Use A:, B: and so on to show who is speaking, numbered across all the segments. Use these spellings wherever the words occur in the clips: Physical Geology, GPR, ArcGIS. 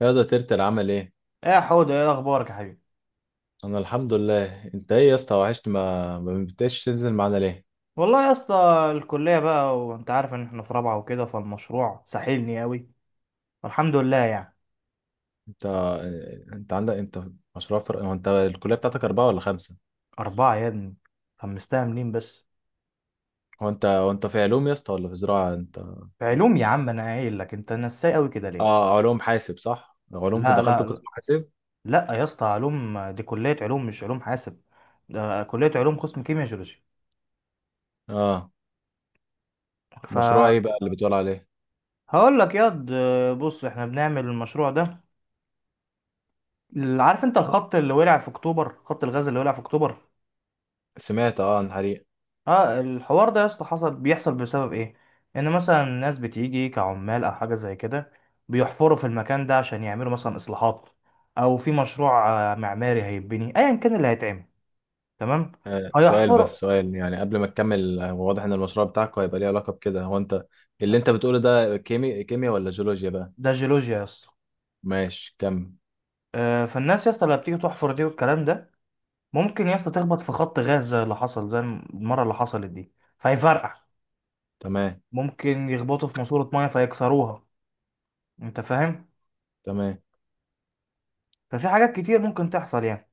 A: يا ده ترتر عمل ايه؟
B: ايه يا حوده، ايه اخبارك يا حبيبي؟
A: انا الحمد لله. انت ايه يا اسطى؟ وحشني، ما بتبقاش تنزل معانا ليه؟
B: والله يا اسطى، الكليه بقى وانت عارف ان احنا في رابعه وكده فالمشروع ساحلني قوي والحمد لله يعني.
A: انت انت عندك مشروع فرق. هو انت الكليه بتاعتك اربعه ولا خمسه؟
B: اربعه يا ابني، خمستها منين بس؟
A: هو انت في علوم يا اسطى ولا في زراعه انت؟
B: في علوم يا عم، انا قايل لك انت نساي قوي كده ليه؟
A: اه، علوم حاسب صح؟ علوم، في
B: لا
A: دخلت
B: لا
A: قسم حاسب.
B: لا يا اسطى، علوم دي كليه علوم مش علوم حاسب، ده كليه علوم قسم كيمياء جيولوجي.
A: اه، مشروع ايه
B: فهقول
A: بقى اللي بتقول عليه؟
B: لك ياض، بص احنا بنعمل المشروع ده. عارف انت الخط اللي ولع في اكتوبر، خط الغاز اللي ولع في اكتوبر؟
A: سمعت اه عن حريق.
B: اه، الحوار ده يا اسطى بيحصل بسبب ايه؟ ان مثلا ناس بتيجي كعمال او حاجه زي كده، بيحفروا في المكان ده عشان يعملوا مثلا اصلاحات، او في مشروع معماري هيتبني، ايا كان اللي هيتعمل. تمام؟
A: سؤال
B: هيحفروا.
A: بس يعني، قبل ما تكمل، هو واضح ان المشروع بتاعك هيبقى ليه علاقه بكده. هو انت اللي انت بتقوله ده كيمياء ولا جيولوجيا بقى؟
B: ده جيولوجيا يا اسطى.
A: ماشي، كمل.
B: فالناس يا اسطى اللي بتيجي تحفر دي والكلام ده، ممكن يا اسطى تخبط في خط غاز زي اللي حصل، زي المره اللي حصلت دي، فيفرقع.
A: تمام.
B: ممكن يخبطوا في ماسوره ميه فيكسروها، انت فاهم؟
A: تمام.
B: ففي حاجات كتير ممكن تحصل يعني.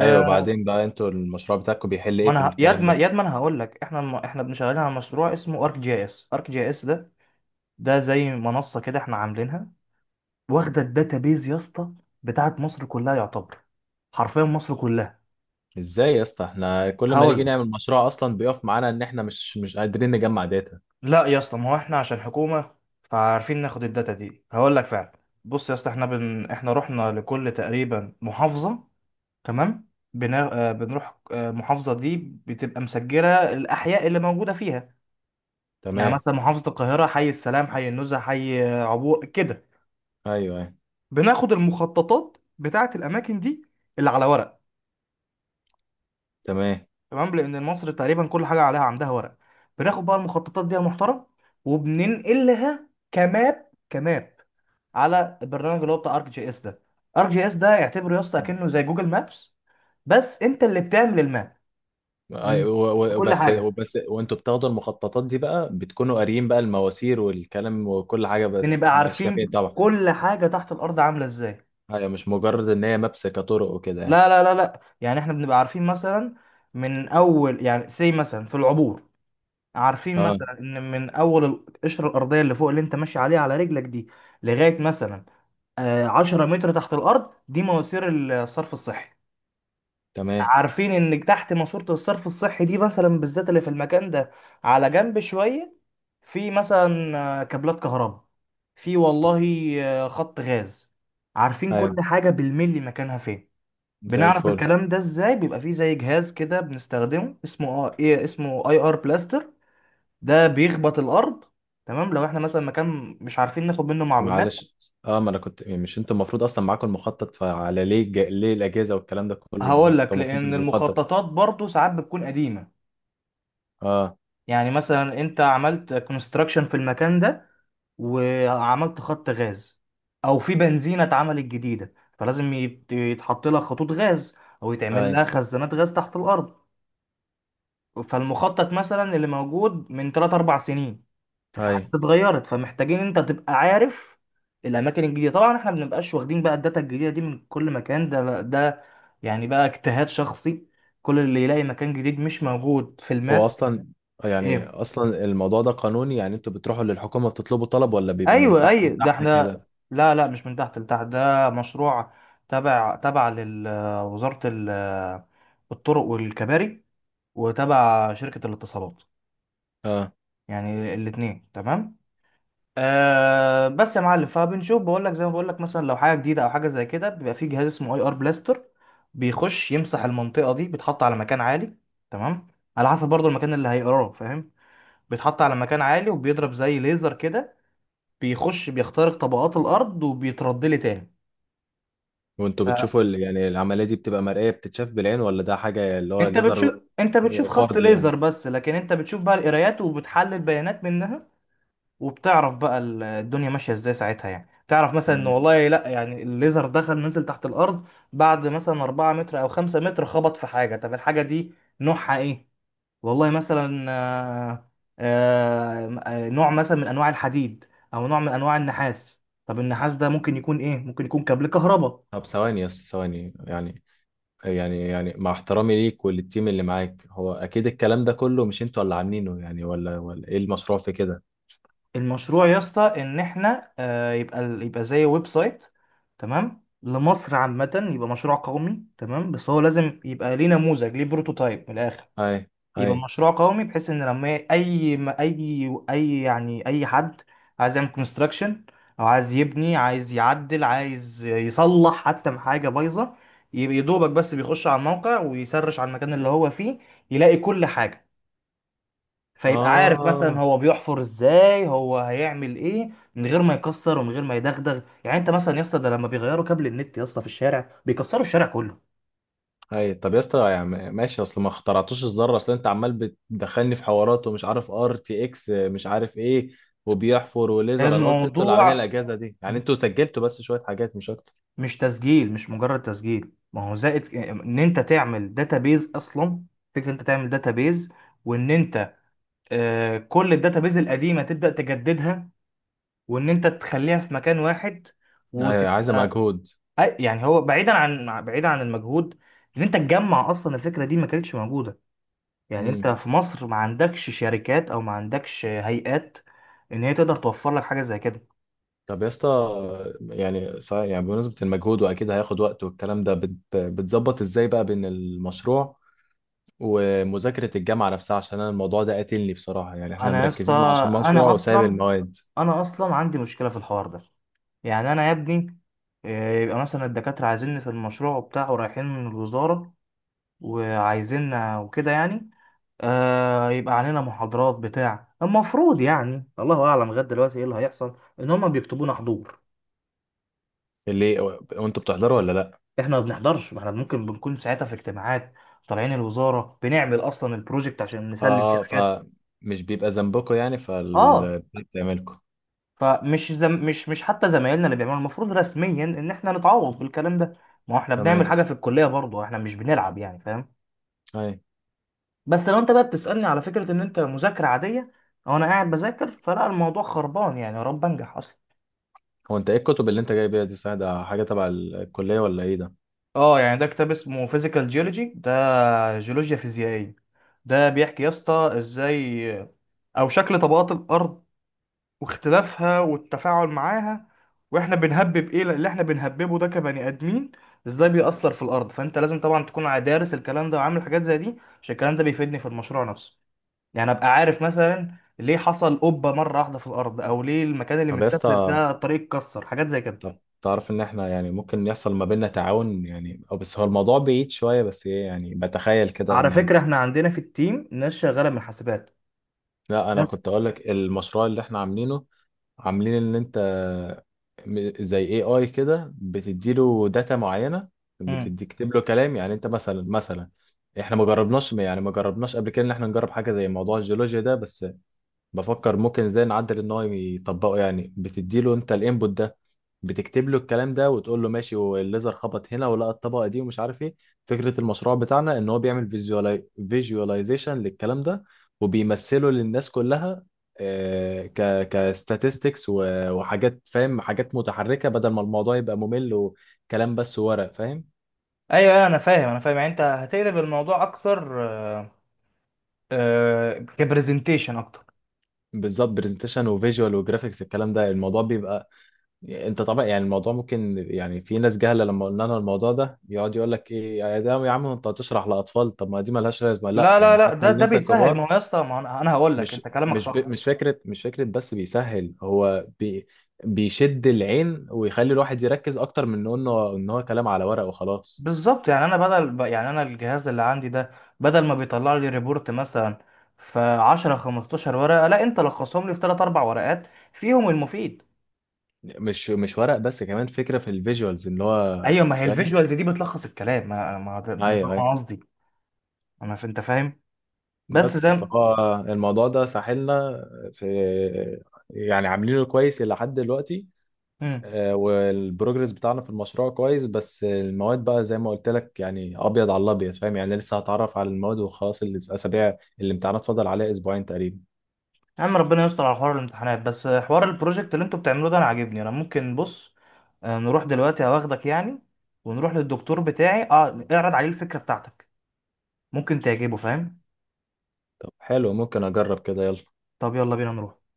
A: ايوه، بعدين بقى، انتوا المشروع بتاعكم بيحل
B: ما
A: ايه في
B: انا ه- ياد
A: الكلام
B: ما
A: ده؟
B: ياد ما انا هقول لك، احنا احنا بنشغلين على مشروع اسمه ارك جي اس. ارك جي اس ده، ده زي منصه كده احنا عاملينها، واخده الداتابيز يا اسطى بتاعت مصر كلها يعتبر، حرفيا مصر كلها.
A: ازاي يا اسطى؟ احنا كل ما
B: هقول
A: نيجي
B: لك،
A: نعمل مشروع اصلا بيقف معانا ان احنا مش قادرين نجمع داتا.
B: لا يا اسطى ما هو احنا عشان حكومه فعارفين ناخد الداتا دي. هقول لك فعلا، بص يا اسطى، احنا احنا رحنا لكل تقريبا محافظه. تمام؟ بنا... آه، بنروح المحافظه دي بتبقى مسجله الاحياء اللي موجوده فيها. يعني
A: تمام.
B: مثلا محافظة القاهرة، حي السلام، حي النزهة، حي عبور كده.
A: ايوه، ايوه.
B: بناخد المخططات بتاعة الأماكن دي اللي على ورق،
A: تمام.
B: تمام، لأن مصر تقريبا كل حاجة عليها، عندها ورق. بناخد بقى المخططات دي يا محترم وبننقلها كماب كماب على البرنامج اللي هو بتاع ارك جي اس ده. ارك جي اس ده اعتبره يا اسطى كأنه زي جوجل مابس، بس انت اللي بتعمل الماب.
A: أي-،
B: من-
A: و-، و-،
B: بكل
A: وبس،
B: حاجة،
A: وبس، وانتوا بتاخدوا المخططات دي بقى بتكونوا قاريين بقى المواسير والكلام وكل حاجه
B: بنبقى
A: ماشيه فين
B: عارفين
A: طبعا.
B: كل حاجة تحت الأرض عاملة ازاي.
A: ايوه، مش مجرد ان هي مابس كطرق وكده يعني.
B: لا لا لا لا، يعني احنا بنبقى عارفين مثلا من اول يعني سي مثلا في العبور، عارفين
A: اه.
B: مثلا ان من اول القشره الارضيه اللي فوق اللي انت ماشي عليها على رجلك دي، لغايه مثلا 10 متر تحت الارض، دي مواسير الصرف الصحي.
A: تمام.
B: عارفين ان تحت ماسوره الصرف الصحي دي مثلا بالذات اللي في المكان ده، على جنب شويه، في مثلا كابلات كهرباء، في والله خط غاز. عارفين كل
A: ايوه،
B: حاجه بالملي مكانها فين.
A: زي
B: بنعرف
A: الفل.
B: الكلام ده ازاي؟ بيبقى فيه زي جهاز كده بنستخدمه اسمه اه ايه اسمه اي ار بلاستر، ده بيخبط الارض. تمام؟ لو احنا مثلا مكان مش عارفين ناخد منه معلومات.
A: معلش، اه، ما انا كنت يعني، مش انتوا المفروض اصلا معاكم المخطط؟ فعلى ليه ليه الاجازه والكلام ده كله؟ ما
B: هقول
A: انتوا
B: لك،
A: المفروض
B: لان
A: المخطط.
B: المخططات برضو ساعات بتكون قديمة.
A: اه.
B: يعني مثلا انت عملت كونستراكشن في المكان ده وعملت خط غاز، او في بنزينة اتعملت جديدة، فلازم يتحط لها خطوط غاز، او يتعمل
A: اي.
B: لها خزانات غاز تحت الارض. فالمخطط مثلا اللي موجود من 3 4 سنين، في
A: اي.
B: حاجات اتغيرت فمحتاجين انت تبقى عارف الاماكن الجديده. طبعا احنا ما بنبقاش واخدين بقى الداتا الجديده دي من كل مكان ده، يعني بقى اجتهاد شخصي، كل اللي يلاقي مكان جديد مش موجود في
A: هو
B: الماب.
A: اصلا، يعني
B: ايه؟
A: اصلا الموضوع ده قانوني يعني؟ انتوا بتروحوا للحكومه بتطلبوا طلب، ولا بيبقى من
B: ايوه
A: تحت
B: ايوه، ده
A: لتحت
B: احنا،
A: كده؟
B: لا لا، مش من تحت لتحت، ده مشروع تبع لوزاره الطرق والكباري، وتبع شركه الاتصالات،
A: اه.
B: يعني الاثنين. تمام؟ أه، بس يا معلم فبنشوف، بقول لك زي ما بقول لك، مثلا لو حاجه جديده او حاجه زي كده، بيبقى في جهاز اسمه اي ار بلاستر، بيخش يمسح المنطقه دي، بيتحط على مكان عالي. تمام؟ على حسب برضو المكان اللي هيقراه، فاهم؟ بيتحط على مكان عالي وبيضرب زي ليزر كده، بيخش بيخترق طبقات الارض وبيترد لي تاني.
A: وانتوا يعني العمليه دي بتبقى مرئيه، بتتشاف بالعين، ولا ده حاجه اللي هو
B: انت
A: ليزر؟
B: بتشوف، خط
A: فرض يعني.
B: ليزر بس، لكن انت بتشوف بقى القرايات وبتحلل بيانات منها، وبتعرف بقى الدنيا ماشيه ازاي ساعتها. يعني تعرف مثلا ان
A: تمام.
B: والله لا، يعني الليزر دخل نزل تحت الارض، بعد مثلا 4 متر او 5 متر خبط في حاجه. طب الحاجه دي نوعها ايه؟ والله مثلا نوع مثلا من انواع الحديد، او نوع من انواع النحاس. طب النحاس ده ممكن يكون ايه؟ ممكن يكون كابل كهرباء.
A: طب ثواني يا اسطى، ثواني يعني يعني يعني، مع احترامي ليك وللتيم اللي معاك، هو اكيد الكلام ده كله مش انتوا اللي عاملينه يعني، ولا ايه المشروع في كده؟
B: المشروع يا اسطى ان احنا يبقى يبقى زي ويب سايت، تمام، لمصر عامة، يبقى مشروع قومي، تمام، بس هو لازم يبقى ليه نموذج، ليه بروتوتايب من الاخر.
A: هاي. هاي.
B: يبقى مشروع قومي بحيث ان لما اي ما اي اي يعني اي حد عايز يعمل كونستراكشن، او عايز يبني، عايز يعدل، عايز يصلح حتى من حاجة بايظة، يبقى يدوبك بس بيخش على الموقع ويسرش على المكان اللي هو فيه، يلاقي كل حاجة، فيبقى عارف مثلا
A: اه.
B: هو بيحفر ازاي، هو هيعمل ايه، من غير ما يكسر ومن غير ما يدغدغ. يعني انت مثلا يا اسطى، ده لما بيغيروا كابل النت يا اسطى في الشارع، بيكسروا الشارع كله.
A: هاي، طب يا اسطى يعني ماشي، اصل ما اخترعتوش الذره. اصل انت عمال بتدخلني في حوارات ومش عارف RTX، مش عارف ايه، وبيحفر وليزر. انا قلت انتوا اللي عاملين
B: الموضوع
A: الاجهزه دي، يعني انتوا سجلتوا بس شويه حاجات مش اكتر.
B: مش مجرد تسجيل، ما هو زائد ان انت تعمل داتابيز اصلا. فكره انت تعمل داتابيز، وان انت كل الداتابيز القديمه تبدا تجددها، وان انت تخليها في مكان واحد،
A: هاي، عايزه
B: وتبقى.
A: مجهود.
B: يعني هو بعيدا عن المجهود، ان انت تجمع اصلا، الفكره دي ما كانتش موجوده. يعني انت في مصر ما عندكش شركات، او ما عندكش هيئات ان هي تقدر توفر لك حاجه زي كده.
A: طب يا اسطى، يعني صحيح، يعني بمناسبة المجهود وأكيد هياخد وقت والكلام ده بتظبط إزاي بقى بين المشروع ومذاكرة الجامعة نفسها؟ عشان أنا الموضوع ده قاتلني بصراحة، يعني إحنا
B: انا يا اسطى،
A: مركزين مع عشان المشروع
B: انا
A: وسايب
B: اصلا
A: المواد
B: انا اصلا عندي مشكله في الحوار ده. يعني انا يا ابني يبقى مثلا الدكاتره عايزيني في المشروع بتاعه، رايحين من الوزاره وعايزيننا وكده يعني. يبقى علينا محاضرات بتاع، المفروض يعني، الله اعلم لغايه دلوقتي ايه اللي هيحصل، ان هم بيكتبونا حضور.
A: اللي، وأنتوا بتحضروا ولا لأ؟
B: احنا ما بنحضرش، ما احنا ممكن بنكون ساعتها في اجتماعات، طالعين الوزاره بنعمل اصلا البروجكت عشان نسلم فيه
A: آه، آه.
B: حاجات.
A: فمش بيبقى ذنبكم يعني،
B: اه.
A: فال بتعملكم.
B: فمش زم... مش مش حتى زمايلنا اللي بيعملوا المفروض رسميا ان احنا نتعوض بالكلام ده، ما هو احنا بنعمل
A: تمام.
B: حاجه في الكليه برضه، احنا مش بنلعب يعني، فاهم؟
A: أي.
B: بس لو انت بقى بتسالني على فكره ان انت مذاكره عاديه، او انا قاعد بذاكر، فلا، الموضوع خربان يعني، يا رب انجح اصلا.
A: هو أنت إيه الكتب اللي أنت جايبها دي صحيح؟ ده حاجة تبع الكلية ولا إيه ده؟
B: اه، يعني ده كتاب اسمه فيزيكال جيولوجي، ده جيولوجيا فيزيائيه. ده بيحكي يا اسطى ازاي، او شكل طبقات الارض واختلافها والتفاعل معاها، واحنا بنهبب ايه اللي احنا بنهببه ده كبني ادمين، ازاي بيأثر في الارض. فانت لازم طبعا تكون دارس الكلام ده وعامل حاجات زي دي، عشان الكلام ده بيفيدني في المشروع نفسه. يعني ابقى عارف مثلا ليه حصل قبة مرة واحدة في الارض، او ليه المكان اللي
A: طب يا
B: متسفلت
A: اسطى،
B: ده الطريق اتكسر، حاجات زي كده.
A: طب تعرف ان احنا يعني ممكن يحصل ما بيننا تعاون يعني، أو بس هو الموضوع بعيد شويه، بس ايه يعني، بتخيل كده
B: على
A: ان يعني.
B: فكرة احنا عندنا في التيم ناس شغالة من حاسبات.
A: لا انا
B: ناس.
A: كنت اقول لك، المشروع اللي احنا عاملينه، عاملين ان انت م-، زي اي اي كده، بتديله داتا معينه،
B: امم.
A: بتدي كتب له كلام، يعني انت مثلا، مثلا، احنا ما جربناش يعني، ما جربناش قبل كده ان احنا نجرب حاجه زي موضوع الجيولوجيا ده، بس بفكر ممكن ازاي نعدل ان هو يطبقه. يعني بتديله انت الانبوت ده، بتكتب له الكلام ده، وتقول له ماشي والليزر خبط هنا ولقى الطبقه دي ومش عارف ايه. فكره المشروع بتاعنا ان هو بيعمل فيجواليزيشن للكلام ده، وبيمثله للناس كلها، ك كستاتستكس وحاجات، فاهم، حاجات متحركه بدل ما الموضوع يبقى ممل وكلام بس ورق، فاهم.
B: ايوه، أيوة، انا فاهم، انا فاهم. يعني انت هتقلب الموضوع اكتر، كبرزنتيشن اكتر.
A: بالظبط، برزنتيشن وفيجوال وجرافيكس. الكلام ده الموضوع بيبقى، انت طبعا يعني الموضوع ممكن، يعني في ناس جهله لما قلنا لها الموضوع ده يقعد يقول لك ايه يا ده يا عم انت هتشرح لاطفال، طب ما دي ملهاش لازمه. لا
B: لا لا
A: يعني،
B: لا،
A: حتى
B: ده
A: الناس
B: بيسهل، ما
A: الكبار،
B: هو يا اسطى، ما أنا هقول لك،
A: مش
B: انت كلامك
A: مش ب...
B: صح.
A: مش فكره مش فكره بس بيسهل، بيشد العين ويخلي الواحد يركز اكتر من انه ان هو كلام على ورق وخلاص.
B: بالظبط، يعني انا بدل يعني انا الجهاز اللي عندي ده، بدل ما بيطلع لي ريبورت مثلا في 10 15 ورقه، لا، انت لخصهم لي في 3 4 ورقات فيهم المفيد.
A: مش مش ورق بس، كمان فكره في الفيجوالز اللي
B: ايوه،
A: هو،
B: ما هي
A: فاهم.
B: الفيجوالز دي بتلخص الكلام، ما ما ده
A: ايوه، ايوه.
B: أنا قصدي. انت فاهم. بس زي
A: بس
B: ما-
A: فهو الموضوع ده ساحلنا في، يعني عاملينه كويس إلى حد دلوقتي.
B: مم.
A: والبروجرس بتاعنا في المشروع كويس، بس المواد بقى زي ما قلت لك، يعني ابيض على الابيض، فاهم، يعني لسه هتعرف على المواد وخلاص. الاسابيع، الامتحانات فاضل عليها أسبوعين تقريبا.
B: يا عم ربنا يستر على حوار الامتحانات، بس حوار البروجكت اللي انتوا بتعملوه ده انا عاجبني. انا ممكن، بص نروح دلوقتي، هواخدك يعني، ونروح للدكتور بتاعي، اعرض عليه الفكره بتاعتك، ممكن تعجبه، فاهم؟
A: طب حلو، ممكن اجرب كده، يلا.
B: طب يلا بينا نروح.